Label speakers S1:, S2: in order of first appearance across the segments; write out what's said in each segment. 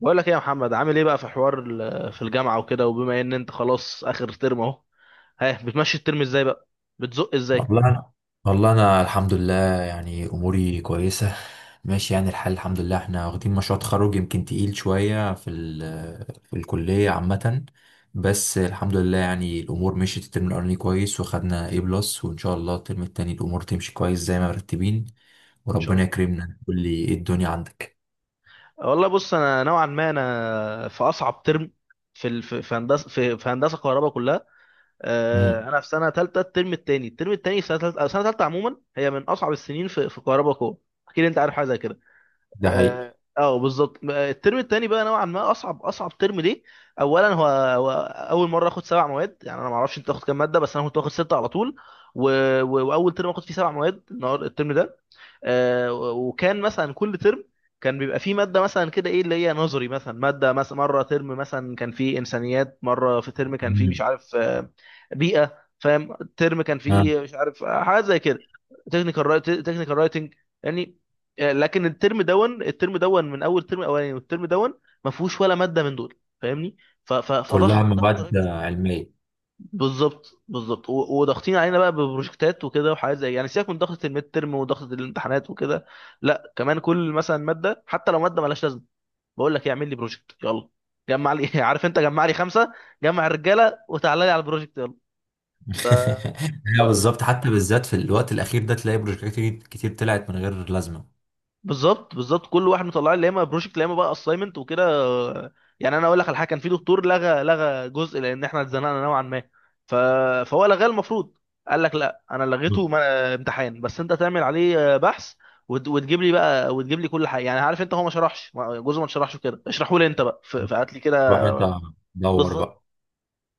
S1: بقول لك ايه يا محمد؟ عامل ايه بقى في حوار في الجامعه وكده، وبما ان انت خلاص اخر ترم اهو، ها بتمشي الترم ازاي بقى؟ بتزق ازاي؟
S2: والله انا والله انا الحمد لله، يعني اموري كويسه، ماشي يعني الحال الحمد لله. احنا واخدين مشروع تخرج يمكن تقيل شويه في الكليه عامه، بس الحمد لله يعني الامور مشيت الترم الاولاني كويس، وخدنا A بلس، وان شاء الله الترم التاني الامور تمشي كويس زي ما مرتبين،
S1: ان شاء
S2: وربنا
S1: الله.
S2: يكرمنا. قول لي ايه الدنيا عندك؟
S1: والله بص، انا نوعا ما في اصعب ترم في هندسه، في هندسه كهرباء كلها.
S2: امم.
S1: انا في سنه ثالثه الترم الثاني. الترم الثاني في سنه ثالثه سنه ثالثه عموما هي من اصعب السنين في كهرباء كلها. اكيد انت عارف حاجه زي كده.
S2: ده حقيقي.
S1: بالظبط. الترم التاني بقى نوعا ما اصعب ترم ليه؟ اولا هو اول مره اخد 7 مواد. يعني انا ما اعرفش انت تاخد كام ماده، بس انا كنت واخد 6 على طول، و... واول ترم اخد فيه 7 مواد النهار الترم ده. وكان مثلا كل ترم كان بيبقى فيه ماده مثلا كده، ايه اللي هي نظري مثلا، ماده مثلا مره ترم مثلا كان فيه انسانيات، مره في ترم كان فيه مش
S2: امم.
S1: عارف بيئه، فاهم، ترم كان
S2: آه.
S1: فيه مش عارف حاجات زي كده، تكنيكال رايتنج، يعني. لكن الترم دون من اول ترم اولاني والترم دون ما فيهوش ولا ماده من دول، فاهمني، ف- ف-
S2: كلها
S1: فضغط رهيب
S2: مواد
S1: جدا.
S2: علميه.
S1: بالظبط بالظبط، وضاغطين علينا بقى ببروجكتات وكده، وحاجات زي يعني سيبك من ضغطة الميد ترم وضغطة الامتحانات وكده. لا كمان كل مثلا مادة، حتى لو مادة مالهاش لازمة، بقول لك إيه، اعمل لي بروجكت يلا، جمع لي عارف انت، جمع لي 5، جمع الرجالة وتعالى لي على البروجكت يلا.
S2: لا بالظبط، حتى بالذات في الوقت الاخير ده تلاقي بروجكتات كتير كتير طلعت من غير لازمه.
S1: بالظبط بالظبط، كل واحد مطلع لي يا اما بروجكت يا اما بقى اساينمنت وكده. يعني انا اقول لك على حاجه، كان في دكتور لغى جزء لان احنا اتزنقنا نوعا ما، ف... فهو لغاه. المفروض قال لك لا، انا لغيته
S2: مم.
S1: ما... امتحان، بس انت تعمل عليه بحث وتجيب لي بقى، وتجيب لي كل حاجه. يعني عارف انت، هو ما شرحش، جزء ما شرحش كده، اشرحه لي انت بقى، فهات لي كده.
S2: روح انت، دور
S1: بالظبط
S2: بقى.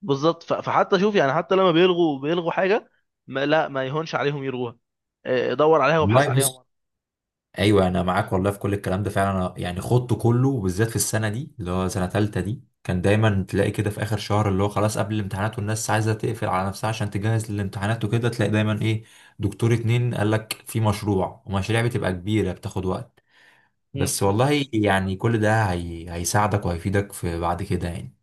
S1: بالظبط. فحتى شوف يعني، حتى لما بيلغوا حاجه، ما... لا ما يهونش عليهم يلغوها، اه، دور عليها وابحث
S2: والله
S1: عليها.
S2: بص، ايوه انا معاك والله في كل الكلام ده، فعلا أنا يعني خضته كله بالذات في السنه دي اللي هو سنه تالته دي، كان دايما تلاقي كده في اخر شهر اللي هو خلاص قبل الامتحانات، والناس عايزه تقفل على نفسها عشان تجهز للامتحانات وكده، تلاقي دايما ايه، دكتور اتنين قال لك في مشروع، ومشاريع بتبقى كبيره بتاخد وقت.
S1: مم.
S2: بس
S1: بالظبط.
S2: والله يعني كل ده هيساعدك وهيفيدك في بعد كده يعني.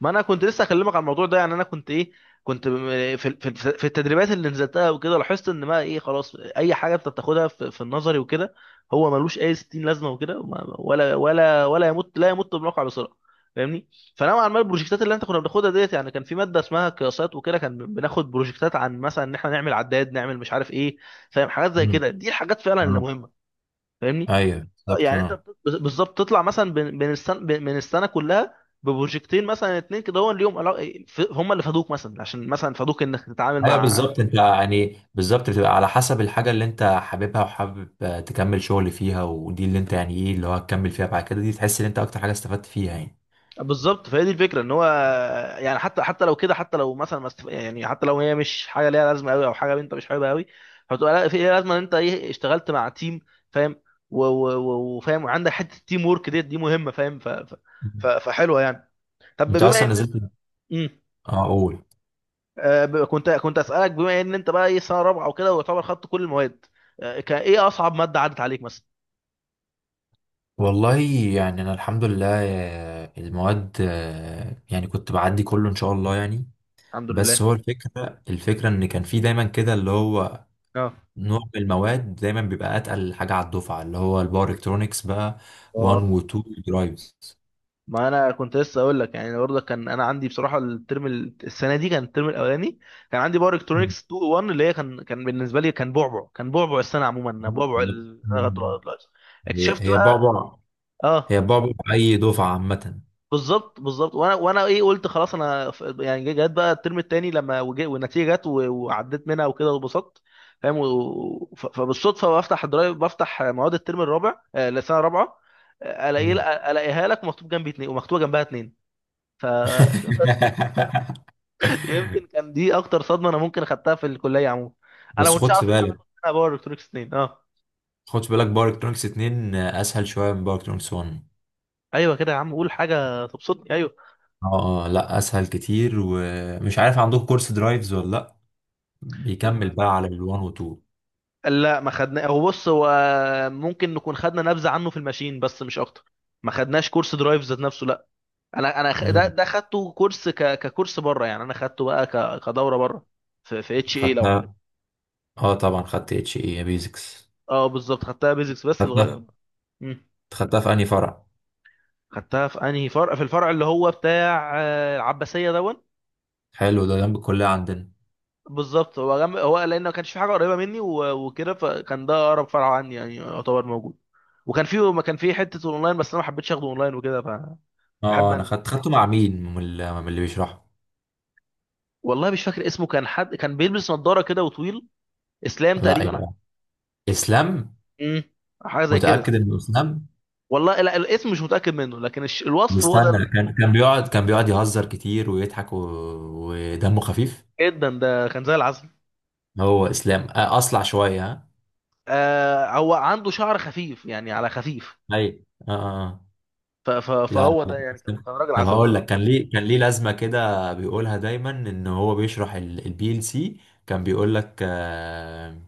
S1: ما انا كنت لسه اكلمك على الموضوع ده. يعني انا كنت ايه، كنت في التدريبات اللي نزلتها وكده، لاحظت ان ما ايه، خلاص، اي حاجه انت بتاخدها في النظري وكده، هو ملوش اي 60 لازمه وكده، ولا ولا يمت، لا يمت بالواقع بسرعه، فاهمني. فنوعا ما البروجكتات اللي كنا بناخدها ديت، يعني كان في ماده اسمها قياسات وكده، كان بناخد بروجكتات عن مثلا ان احنا نعمل عداد، نعمل مش عارف ايه، فاهم، حاجات زي كده، دي الحاجات فعلا اللي
S2: آه.
S1: مهمه، فاهمني.
S2: ايوه بالظبط،
S1: يعني انت
S2: اه،
S1: بالظبط تطلع مثلا بين السنه، بين السنه كلها ببروجكتين مثلا اتنين كده هو ليهم هم اللي فادوك مثلا، عشان مثلا فادوك انك تتعامل
S2: ايوه
S1: مع،
S2: بالظبط، انت يعني بالظبط بتبقى على حسب الحاجه اللي انت حاببها، وحابب تكمل شغل فيها، ودي اللي انت يعني ايه اللي هو هتكمل فيها بعد كده، دي تحس ان انت اكتر حاجه استفدت فيها يعني.
S1: بالظبط. فهي دي الفكره، ان هو يعني، حتى لو كده، حتى لو مثلا ما است- يعني حتى لو هي مش حاجه ليها لازمه قوي، او حاجه انت مش حاببها قوي، هتبقى لا في ليها لازمه ان انت ايه، اشتغلت مع تيم، فاهم، و- و- و- وفاهم، وعندك حته التيم ورك ديت، دي مهمه، فاهم، ف ف ف-
S2: مم.
S1: فحلوه يعني. طب
S2: انت
S1: بما
S2: اصلا
S1: ان انت،
S2: نزلت.
S1: مم.
S2: اه قول.
S1: كنت اسالك بما ان انت بقى ايه سنه رابعه وكده، ويعتبر خدت كل المواد، كان ايه اصعب ماده عدت عليك مثلا؟
S2: والله يعني انا الحمد لله، المواد يعني كنت بعدي كله ان شاء الله يعني.
S1: الحمد
S2: بس
S1: لله.
S2: هو الفكره ان كان في دايما كده اللي هو
S1: اه
S2: نوع من المواد دايما بيبقى اتقل حاجه على الدفعه، اللي هو الباور الكترونكس بقى 1 و
S1: اه
S2: 2 درايفز.
S1: ما انا كنت لسه اقول لك يعني، برضه كان انا عندي بصراحه، الترم السنه دي كان الترم الاولاني، كان عندي باور
S2: مم.
S1: الكترونكس 2 1 اللي هي، كان بالنسبه لي كان بعبع، كان بعبع السنه عموما، بعبع
S2: بالظبط. مم. هي
S1: اكتشفت
S2: هي
S1: بقى
S2: بعبع، هي
S1: اه.
S2: بعبع اي دفعه عامه.
S1: بالظبط بالظبط. وانا ايه قلت خلاص. انا يعني جت بقى الترم التاني لما والنتيجه جت، وعديت منها وكده واتبسطت، فاهم. و- ف- فبالصدفه بفتح الدرايف، بفتح مواد الترم الرابع، السنه الرابعه، آه، الاقي
S2: مم.
S1: الاقيها لك مكتوب جنبي اتنين، ومكتوبه جنبها اتنين، ف يمكن كان دي اكتر صدمه انا ممكن اخدتها في الكليه عموما. انا ما
S2: بس
S1: كنتش اعرف ان احنا هناخد باور الكترونكس اتنين، اه.
S2: خد في بالك، باور الكترونكس 2 اسهل شويه من باور الكترونكس 1.
S1: ايوه كده يا عم، قول حاجه تبسطني، ايوه.
S2: اه، لا اسهل كتير. ومش عارف عندكم كورس درايفز ولا لا؟ بيكمل بقى على ال1 و2.
S1: لا، ما خدنا، هو بص، هو ممكن نكون خدنا نبذه عنه في الماشين، بس مش اكتر، ما خدناش كورس درايف ذات نفسه، لا. انا ده خدته كورس، ككورس بره، يعني انا خدته بقى كدوره بره في اتش اي، لو عارف.
S2: خدتها. اه طبعا، خدت اتش اي بيزكس.
S1: اه بالظبط، خدتها بيزكس بس صغير. مم.
S2: خدتها في انهي فرع؟
S1: خدتها في انهي فرع؟ في الفرع اللي هو بتاع العباسيه دون.
S2: حلو، ده جنب الكليه عندنا.
S1: بالظبط، هو جنب، هو لان ما كانش في حاجه قريبه مني وكده، فكان ده اقرب فرع عني، يعني يعتبر موجود، وكان فيه، ما كان فيه حته اونلاين، بس انا ما حبيتش اخده اونلاين وكده، فبحب
S2: اه انا
S1: انزل.
S2: خدته مع مين، من اللي بيشرحه؟
S1: والله مش فاكر اسمه، كان حد كان بيلبس نظاره كده وطويل، اسلام
S2: لا
S1: تقريبا،
S2: يبقى اسلام.
S1: امم حاجه زي كده.
S2: متاكد انه اسلام؟
S1: والله لا، الاسم مش متاكد منه، لكن الوصف هو ده،
S2: مستنى، كان بيقعد يهزر كتير ويضحك ودمه خفيف.
S1: جدا، ده كان زي العسل.
S2: هو اسلام اصلع شويه ها؟
S1: هو عنده شعر خفيف يعني، على خفيف.
S2: اي اه. آه. آه.
S1: ف... ف...
S2: لا
S1: فهو
S2: لا،
S1: ده يعني، كان
S2: اسلام.
S1: راجل
S2: طب
S1: عسل
S2: هقول لك،
S1: بصراحه.
S2: كان ليه لازمه كده بيقولها دايما ان هو بيشرح البي ال سي، كان بيقول لك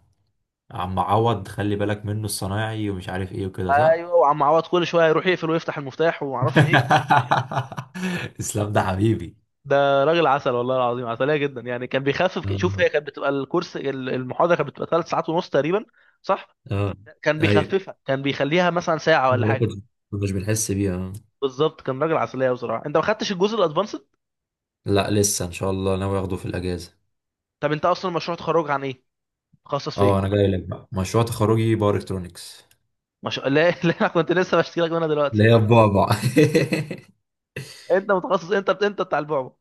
S2: عم عوض خلي بالك منه الصنايعي، ومش عارف ايه وكده، صح؟
S1: ايوه، وعم عوض كل شويه يروح يقفل ويفتح المفتاح وما اعرفش ايه.
S2: اسلام ده حبيبي.
S1: ده راجل عسل والله العظيم، عسليه جدا يعني. كان بيخفف، شوف
S2: اه
S1: هي كانت بتبقى الكورس، المحاضره كانت بتبقى 3 ساعات ونص تقريبا، صح،
S2: اه
S1: كان
S2: ايوه.
S1: بيخففها، كان بيخليها مثلا ساعه ولا
S2: ما
S1: حاجه.
S2: كنت- مش بنحس بيها. آه.
S1: بالظبط، كان راجل عسليه بصراحه. انت ما خدتش الجزء الادفانسد؟
S2: لا لسه ان شاء الله ناوي اخده في الاجازه.
S1: طب انت اصلا مشروع تخرج عن ايه؟ متخصص في
S2: اه
S1: ايه؟
S2: انا جاي لك بقى، مشروع تخرجي باور الكترونكس،
S1: مش... لا لا، انا كنت لسه بشتكي لك منها دلوقتي.
S2: اللي هي البعبع.
S1: انت متخصص، انت بتاع البعبع،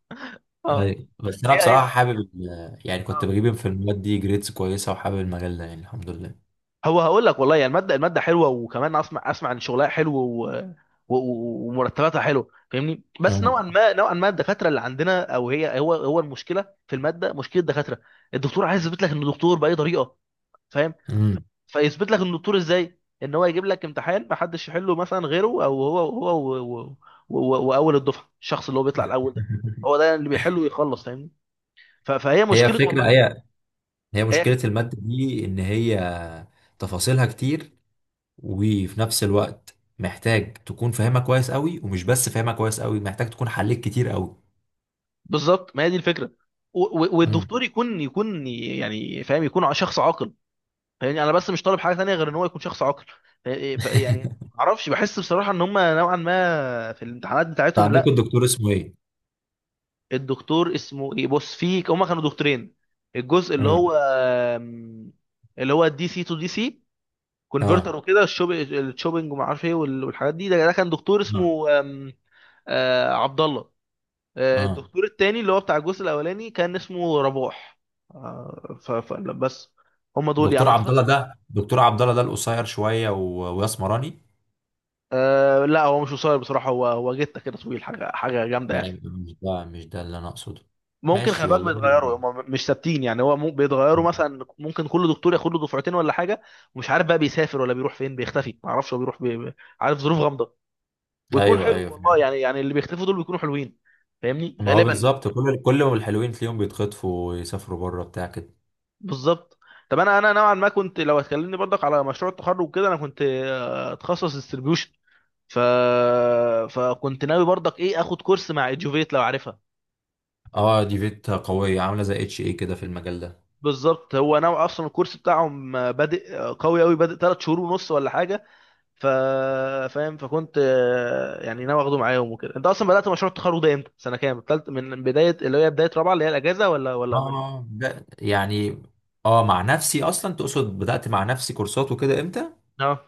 S1: اه،
S2: ايوه بس انا
S1: هي
S2: بصراحه
S1: هي،
S2: حابب يعني كنت
S1: اه.
S2: بجيب في المواد دي جريدز كويسه، وحابب المجال ده يعني الحمد لله.
S1: هو هقول لك والله يعني، الماده، حلوه، وكمان اسمع اسمع ان شغلها حلو، و... و... و- ومرتباتها حلوه، فاهمني، بس
S2: اه.
S1: نوعا ما، نوعا ما الدكاتره اللي عندنا، او هي، هو المشكله في الماده، مشكله الدكاتره. الدكتور عايز يثبت لك انه دكتور باي طريقه، فاهم،
S2: أمم.
S1: فيثبت لك ان الدكتور ازاي، ان هو يجيب لك امتحان ما حدش يحله مثلا غيره، او هو، و- و- و- واول الدفعه الشخص اللي هو بيطلع الاول ده، هو ده اللي بيحله ويخلص، فاهمني، فهي
S2: هي
S1: مشكله
S2: فكرة
S1: والله.
S2: هي هي
S1: هي
S2: مشكلة
S1: ك-
S2: المادة دي إن هي تفاصيلها كتير، وفي نفس الوقت محتاج تكون فاهمها كويس قوي، ومش بس فاهمها كويس قوي، محتاج تكون حليت كتير قوي.
S1: بالظبط، ما هي دي الفكره. و- و-
S2: امم.
S1: والدكتور يكون، يعني فاهم، يكون شخص عاقل. يعني انا بس مش طالب حاجه ثانيه غير ان هو يكون شخص عاقل، ف- يعني ما اعرفش، بحس بصراحه ان هم نوعا ما في الامتحانات
S2: انت
S1: بتاعتهم،
S2: عندكم
S1: لا.
S2: الدكتور اسمه ايه؟
S1: الدكتور اسمه ايه؟ بص، في، هما كانوا دكتورين. الجزء اللي
S2: امم.
S1: هو آم، اللي هو دي سي تو دي سي
S2: اه.
S1: كونفرتر وكده، الشوبينج وما اعرفش ايه والحاجات دي، ده كان دكتور
S2: اه.
S1: اسمه آم، آه، عبد الله.
S2: اه.
S1: الدكتور التاني اللي هو بتاع الجزء الاولاني كان اسمه رباح. لا، بس هما دول يعني، ما اعتقدش.
S2: دكتور عبد الله ده القصير شويه واسمراني.
S1: لا، هو مش قصير بصراحة، هو جته كده طويل، حاجة حاجة جامدة
S2: لا
S1: يعني.
S2: مش ده، مش ده اللي انا اقصده.
S1: ممكن خلي
S2: ماشي
S1: بالك
S2: والله.
S1: بيتغيروا، هم مش ثابتين يعني، هو بيتغيروا. مثلا ممكن كل دكتور ياخد له دفعتين ولا حاجه، ومش عارف بقى، بيسافر ولا بيروح فين، بيختفي، ما اعرفش هو بيروح عارف، ظروف غامضه، ويكون
S2: ايوه ايوه
S1: حلو والله
S2: فعلا.
S1: يعني، اللي بيختفوا دول بيكونوا حلوين، فاهمني،
S2: ما هو
S1: غالبا.
S2: بالظبط، كل ما الحلوين تلاقيهم بيتخطفوا ويسافروا بره بتاع كده.
S1: بالظبط. طب انا، نوعا ما كنت، لو هتكلمني برضك على مشروع التخرج وكده، انا كنت اتخصص ديستريبيوشن، ف فكنت ناوي برضك ايه، اخد كورس مع ادجوفيت، لو عارفها.
S2: اه، دي فيت قويه عامله زي اتش ايه كده في المجال ده.
S1: بالظبط، هو نوع اصلا الكورس بتاعهم بادئ قوي قوي، بادئ 3 شهور ونص ولا حاجه، ف فاهم، فكنت يعني ناوي اخده معاهم وكده. انت اصلا بدات مشروع التخرج ده امتى؟ سنه كام؟ تالت من بدايه، اللي هي بدايه رابعه، اللي هي الاجازه، ولا من،
S2: اه يعني. اه مع نفسي اصلا، تقصد بدأت مع نفسي كورسات وكده امتى؟
S1: اه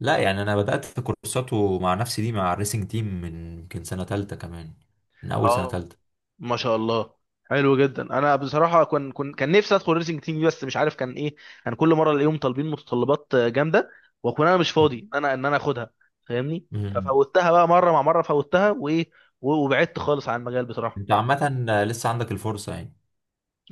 S2: لا يعني انا بدأت في كورسات ومع نفسي دي مع الريسنج تيم من يمكن سنة تالتة كمان، من اول سنة
S1: اه،
S2: تالتة.
S1: ما شاء الله، حلو جدا. انا بصراحه كان، نفسي ادخل ريسنج تيم دي، بس مش عارف كان ايه، كان كل مره الاقيهم طالبين متطلبات جامده، واكون انا مش فاضي
S2: مم.
S1: ان انا، اخدها، فاهمني،
S2: مم.
S1: ففوتها بقى مره، مع مره فوتها وايه، وبعدت خالص عن المجال بصراحه.
S2: انت عامة لسه عندك الفرصة يعني.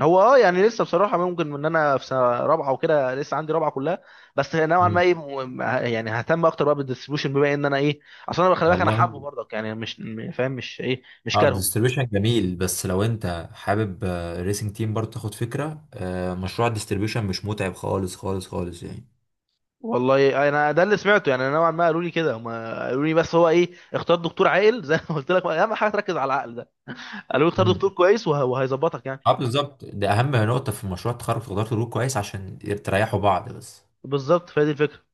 S1: هو يعني لسه بصراحه، ممكن ان انا في سنه رابعه وكده، لسه عندي رابعه كلها، بس نوعا ما
S2: مم.
S1: ايه، يعني ههتم اكتر بقى بالديستريبيوشن، بما ان انا ايه، اصل انا خلي بالك، انا
S2: والله
S1: حابه برضك يعني، مش م- فاهم مش ايه، مش
S2: اه
S1: كارهه.
S2: الديستريبيوشن جميل، بس لو انت حابب الريسنج تيم برضه تاخد فكرة، مشروع الديستريبيوشن مش متعب خالص خالص خالص
S1: والله انا ده اللي سمعته يعني، نوعا ما قالوا لي كده، هم قالوا لي بس هو ايه، اختار دكتور عاقل زي ما قلت لك، اهم حاجه تركز على العقل ده، قالوا لي اختار
S2: يعني.
S1: دكتور كويس وهيظبطك يعني.
S2: اه بالظبط، ده اهم نقطة في مشروع التخرج، تقدروا تدور كويس عشان تريحوا بعض بس
S1: بالظبط، فهي دي الفكره.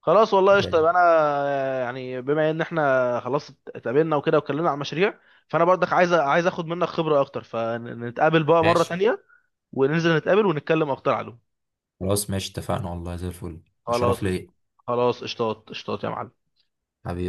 S1: خلاص والله قشطه،
S2: يعني.
S1: يبقى انا يعني، بما ان احنا خلاص اتقابلنا وكده واتكلمنا عن مشاريع، فانا برضك عايز، اخد منك خبره اكتر، فنتقابل بقى مره
S2: ماشي.
S1: تانية، وننزل نتقابل ونتكلم اكتر عليهم.
S2: خلاص ماشي اتفقنا والله، زي الفل، ده
S1: خلاص
S2: شرف
S1: قشطه،
S2: ليا،
S1: خلاص، قشطات قشطات يا معلم.
S2: حبيبي.